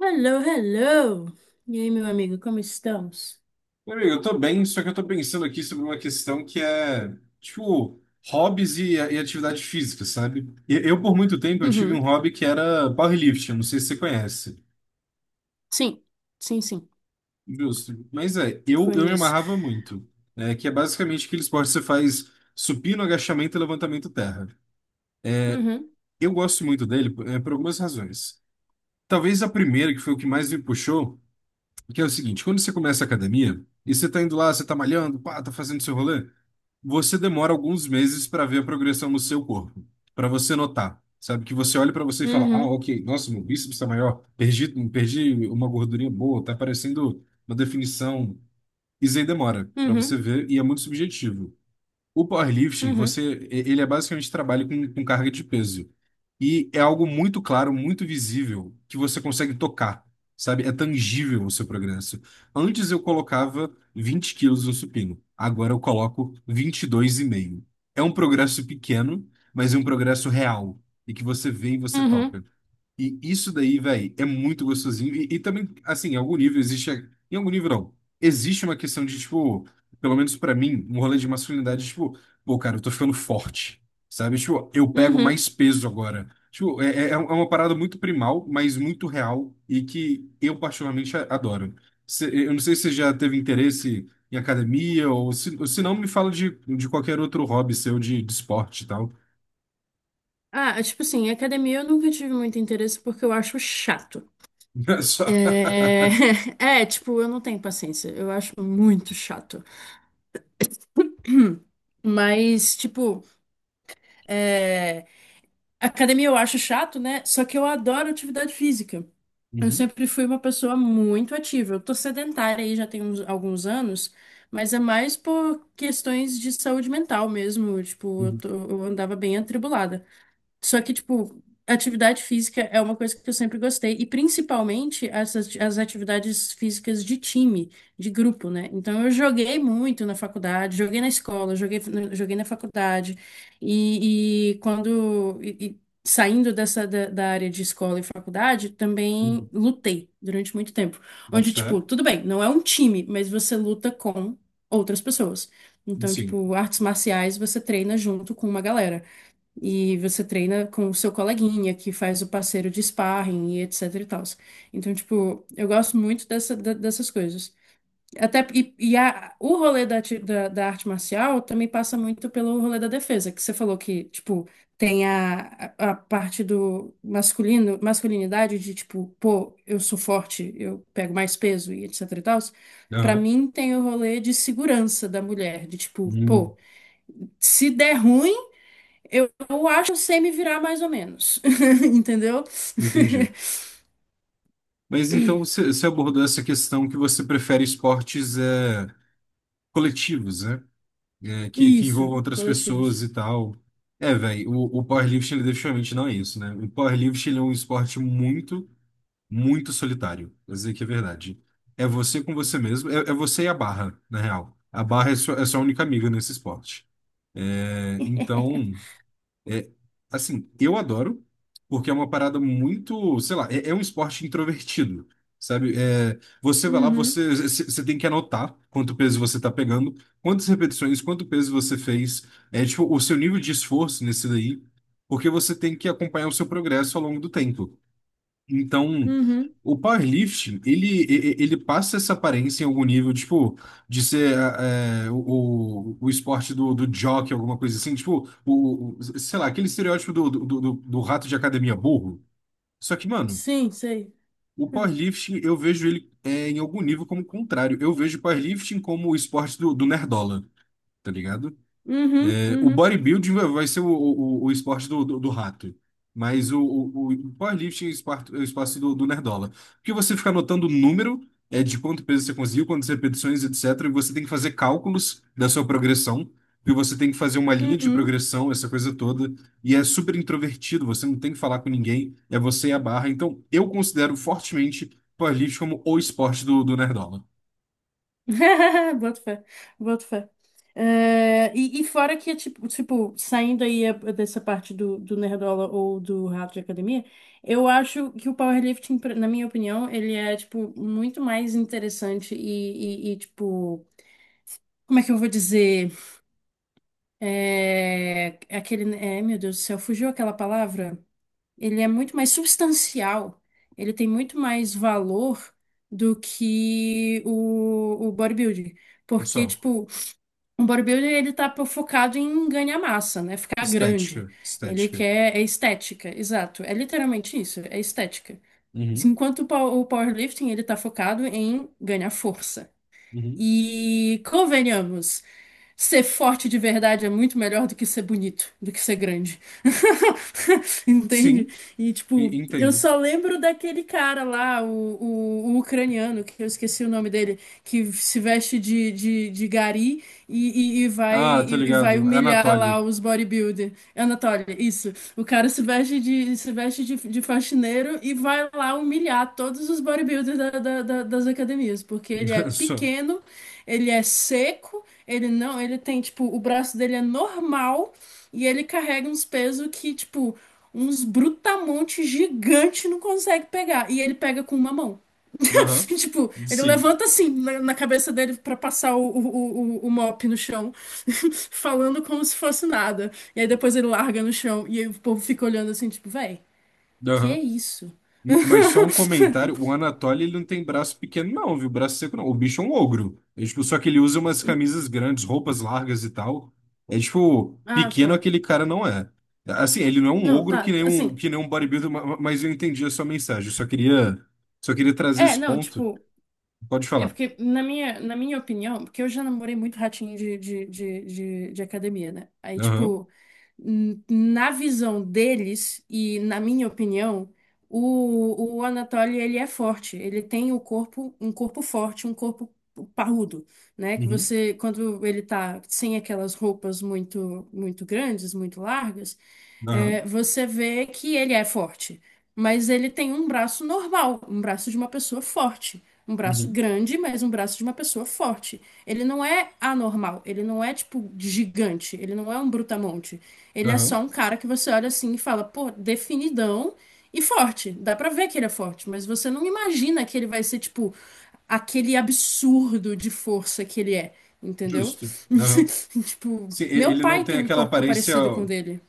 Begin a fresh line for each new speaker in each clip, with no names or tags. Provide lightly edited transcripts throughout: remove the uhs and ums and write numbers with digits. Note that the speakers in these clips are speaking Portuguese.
Hello, hello! E aí, meu amigo, como estamos?
Meu amigo, eu tô bem, só que eu tô pensando aqui sobre uma questão que é, tipo, hobbies e atividade física, sabe? Eu, por muito tempo, eu tive um
Uhum.
hobby que era powerlifting, não sei se você conhece.
Sim, sim, sim.
Justo. Mas eu me
Conheço.
amarrava muito, né? Que é basicamente aquele esporte que você faz supino, agachamento e levantamento terra.
Uhum,
Eu gosto muito dele, por algumas razões. Talvez a primeira, que foi o que mais me puxou. Porque é o seguinte: quando você começa a academia e você tá indo lá, você tá malhando, pá, tá fazendo seu rolê, você demora alguns meses para ver a progressão no seu corpo, para você notar. Sabe que você olha para você e fala: "Ah,
uhum,
OK, nossa, meu bíceps tá maior, perdi uma gordurinha boa, tá parecendo uma definição". Isso aí demora para você
uhum,
ver e é muito subjetivo. O powerlifting,
uhum,
ele é basicamente trabalho com carga de peso. E é algo muito claro, muito visível, que você consegue tocar, sabe? É tangível o seu progresso. Antes eu colocava 20 quilos no supino, agora eu coloco 22,5. É um progresso pequeno, mas é um progresso real, e que você vê e você
uhum,
toca. E isso daí, velho, é muito gostosinho. E também, assim, em algum nível existe. Em algum nível não. Existe uma questão de, tipo, pelo menos pra mim, um rolê de masculinidade, tipo, pô, cara, eu tô ficando forte, sabe? Tipo, eu pego
uhum.
mais peso agora. Tipo, é uma parada muito primal, mas muito real e que eu particularmente adoro. Eu não sei se você já teve interesse em academia ou se não, me fala de qualquer outro hobby seu de esporte e tal.
Ah, tipo assim, academia eu nunca tive muito interesse porque eu acho chato.
Só-
É... É, tipo, eu não tenho paciência. Eu acho muito chato. Mas, tipo, é, academia eu acho chato, né? Só que eu adoro atividade física. Eu
Uhum,
sempre fui uma pessoa muito ativa. Eu tô sedentária aí já tem alguns anos, mas é mais por questões de saúde mental mesmo. Tipo,
uhum,
eu andava bem atribulada. Só que, tipo, atividade física é uma coisa que eu sempre gostei, e principalmente as atividades físicas de time, de grupo, né? Então, eu joguei muito na faculdade, joguei na escola, joguei na faculdade, e saindo da área de escola e faculdade, também
uhum.
lutei durante muito tempo.
Boto
Onde,
fé.
tipo, tudo bem, não é um time, mas você luta com outras pessoas. Então,
Sim.
tipo, artes marciais você treina junto com uma galera. E você treina com o seu coleguinha que faz o parceiro de sparring e etc e tal. Então, tipo, eu gosto muito dessas coisas. Até, e a- O rolê da arte marcial também passa muito pelo rolê da defesa, que você falou que, tipo, tem a parte do masculino, masculinidade de, tipo, pô, eu sou forte, eu pego mais peso e etc e tal. Pra
Aham.
mim, tem o rolê de segurança da mulher, de, tipo,
Hum,
pô, se der ruim. Eu acho que eu sei me virar mais ou menos, entendeu?
entendi. Mas então você abordou essa questão que você prefere esportes coletivos, né? É, que
Isso,
envolvam outras
coletivos.
pessoas e tal. É, velho, o powerlifting ele definitivamente não é isso, né? O powerlifting ele é um esporte muito, muito solitário. Vou dizer que é verdade. É você com você mesmo, é você e a barra, na real. A barra é sua única amiga nesse esporte. É, então. É, assim, eu adoro, porque é uma parada muito, sei lá, é um esporte introvertido, sabe? É, você vai lá,
Uhum,
você tem que anotar quanto peso você tá pegando, quantas repetições, quanto peso você fez, é tipo, o seu nível de esforço nesse daí, porque você tem que acompanhar o seu progresso ao longo do tempo. Então,
uhum.
o powerlifting, ele passa essa aparência em algum nível, tipo, de ser o esporte do jockey, alguma coisa assim, tipo, sei lá, aquele estereótipo do rato de academia burro. Só que, mano,
Sim, sei.
o powerlifting, eu vejo ele em algum nível como contrário. Eu vejo o powerlifting como o esporte do nerdola, tá ligado?
Uhum,
O
uhum,
bodybuilding vai ser o esporte do rato. Mas o powerlifting é é o espaço do nerdola. Porque você fica anotando o número de quanto peso você conseguiu, quantas repetições, etc. E você tem que fazer cálculos da sua progressão. E você tem que fazer uma linha de
uhum.
progressão, essa coisa toda. E é super introvertido, você não tem que falar com ninguém. É você e a barra. Então, eu considero fortemente powerlifting como o esporte do nerdola.
Boto fé, boto fé. É, e fora que, é tipo, tipo, saindo aí dessa parte do, do Nerdola ou do Rato de Academia, eu acho que o powerlifting, na minha opinião, ele é, tipo, muito mais interessante tipo, como é que eu vou dizer? Meu Deus do céu, fugiu aquela palavra? Ele é muito mais substancial, ele tem muito mais valor do que o bodybuilding. Porque,
Só.
tipo, um bodybuilding ele focado em ganhar massa, né? Ficar grande.
Estética. Estética.
É estética, exato. É literalmente isso, é estética.
Uhum,
Enquanto o powerlifting ele tá focado em ganhar força.
uhum.
E convenhamos, ser forte de verdade é muito melhor do que ser bonito, do que ser grande. Entende?
Sim,
E tipo, eu
entendo.
só lembro daquele cara lá, o ucraniano, que eu esqueci o nome dele, que se veste de gari e, e, e vai,
Ah, tô
e, e vai
ligado.
humilhar lá
Anatoly.
os bodybuilder. Anatoly, isso. O cara se veste de, se veste de faxineiro e vai lá humilhar todos os bodybuilders das academias, porque ele é
Só.
pequeno, ele é seco, ele não, ele tem, tipo, o braço dele é normal e ele carrega uns pesos que, tipo, uns brutamontes gigante não consegue pegar. E ele pega com uma mão.
Aham.
Tipo, ele
Sim.
levanta assim na cabeça dele pra passar o mop no chão, falando como se fosse nada. E aí depois ele larga no chão e aí o povo fica olhando assim, tipo, véi, que
Aham.
isso?
Mas só um comentário. O Anatoly, ele não tem braço pequeno, não, viu? Braço seco, não. O bicho é um ogro. É, tipo, só que ele usa umas camisas grandes, roupas largas e tal. É tipo,
Ah,
pequeno
só.
aquele cara não é. Assim, ele não é um
Não,
ogro que
tá,
nem
assim.
um, que nem um bodybuilder, mas eu entendi a sua mensagem. Eu só queria trazer
É,
esse
não,
ponto.
tipo,
Pode
é
falar.
porque, na minha opinião, porque eu já namorei muito ratinho de academia, né? Aí,
Aham.
tipo, na visão deles e na minha opinião, o Anatoly, ele é forte. Ele tem o corpo, um corpo forte, um corpo parrudo, né? Que
Uhum.
você, quando ele tá sem aquelas roupas muito, muito grandes, muito largas,
Aham.
é, você vê que ele é forte. Mas ele tem um braço normal, um braço de uma pessoa forte. Um braço
Uhum.
grande, mas um braço de uma pessoa forte. Ele não é anormal, ele não é tipo gigante, ele não é um brutamonte. Ele é
Aham.
só um cara que você olha assim e fala, pô, definidão e forte. Dá pra ver que ele é forte, mas você não imagina que ele vai ser tipo aquele absurdo de força que ele é, entendeu?
Justo. Aham.
Tipo,
Sim,
meu
ele não
pai
tem
tem um
aquela
corpo
aparência,
parecido com o dele.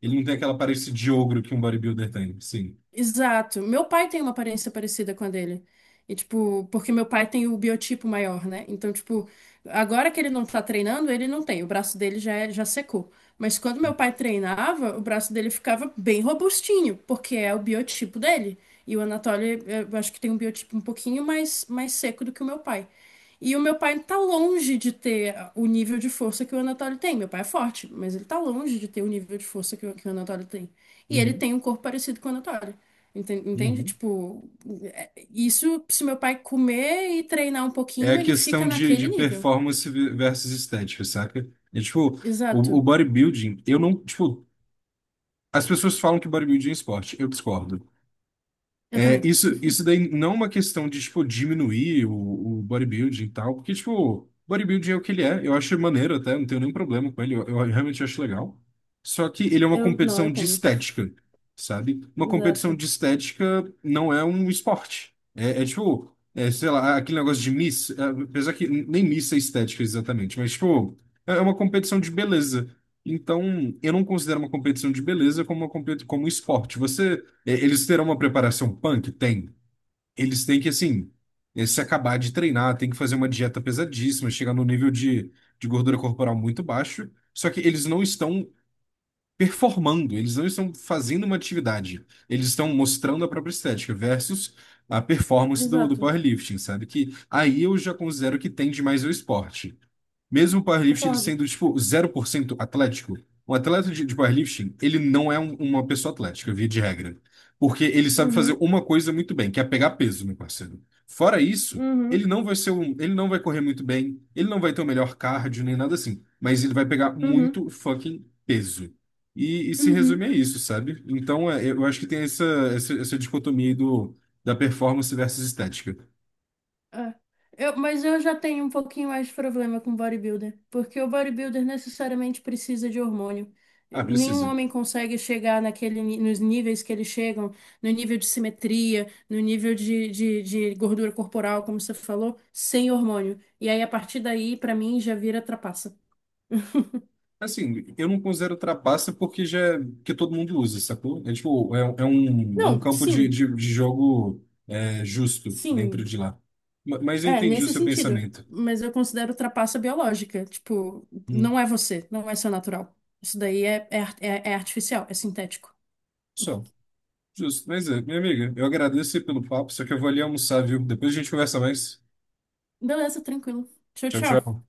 ele não tem aquela aparência de ogro que um bodybuilder tem, sim.
Exato. Meu pai tem uma aparência parecida com a dele. E, tipo, porque meu pai tem o biotipo maior, né? Então, tipo, agora que ele não tá treinando, ele não tem. O braço dele já, já secou. Mas quando meu pai treinava, o braço dele ficava bem robustinho, porque é o biotipo dele. E o Anatoly, eh, eu acho que tem um biotipo um pouquinho mais, mais seco do que o meu pai. E o meu pai tá longe de ter o nível de força que o Anatoly tem. Meu pai é forte, mas ele tá longe de ter o nível de força que que o Anatoly tem. E ele
Uhum,
tem um corpo parecido com o Anatoly. Entende?
uhum.
Tipo, isso, se meu pai comer e treinar um
É a
pouquinho, ele fica
questão de
naquele nível.
performance versus estética, saca? É tipo, o
Exato.
bodybuilding, eu não, tipo, as pessoas falam que bodybuilding é esporte, eu discordo.
Eu
É,
também.
isso daí não é uma questão de, tipo, diminuir o bodybuilding e tal, porque, tipo, bodybuilding é o que ele é, eu acho maneiro até, não tenho nenhum problema com ele, eu realmente acho legal. Só que ele é uma
Eu, não, eu
competição de
tenho.
estética, sabe? Uma competição
Exato.
de estética não é um esporte. É tipo, é, sei lá, aquele negócio de Miss, apesar que nem Miss é estética exatamente, mas, tipo, é uma competição de beleza. Então, eu não considero uma competição de beleza como uma competição, como um esporte. Eles terão uma preparação punk? Tem. Eles têm que, assim, se acabar de treinar, tem que fazer uma dieta pesadíssima, chegar no nível de gordura corporal muito baixo. Só que eles não estão performando, eles não estão fazendo uma atividade, eles estão mostrando a própria estética versus a performance do
Exato.
powerlifting, sabe? Que aí eu já considero que tende mais ao esporte. Mesmo o powerlifting ele
Concordo.
sendo, tipo, 0% atlético, um atleta de powerlifting, ele não é uma pessoa atlética, via de regra. Porque ele sabe fazer
Uhum,
uma coisa muito bem, que é pegar peso, meu parceiro. Fora isso,
uhum,
ele não vai ser um, ele não vai correr muito bem, ele não vai ter o melhor cardio, nem nada assim. Mas ele vai pegar
uhum,
muito fucking peso. E se
uhum.
resume a isso, sabe? Então, eu acho que tem essa dicotomia aí da performance versus estética.
É. Eu, mas eu já tenho um pouquinho mais de problema com bodybuilder, porque o bodybuilder necessariamente precisa de hormônio.
Ah,
Nenhum
precisa.
homem consegue chegar nos níveis que eles chegam, no nível de simetria, no nível de gordura corporal, como você falou, sem hormônio. E aí, a partir daí, pra mim, já vira trapaça.
Assim, eu não considero trapaça porque já que todo mundo usa, sacou? É tipo, é um
Não,
campo de,
sim,
de, de jogo justo dentro
sim,
de lá. Mas eu
é
entendi o
nesse
seu
sentido.
pensamento.
Mas eu considero trapaça biológica. Tipo,
Hum,
não é você, não é seu natural. Isso daí é, é artificial, é sintético.
só. Justo. Mas minha amiga, eu agradeço aí pelo papo, só que eu vou ali almoçar, viu? Depois a gente conversa mais.
Beleza, tranquilo. Tchau,
Tchau,
tchau.
tchau.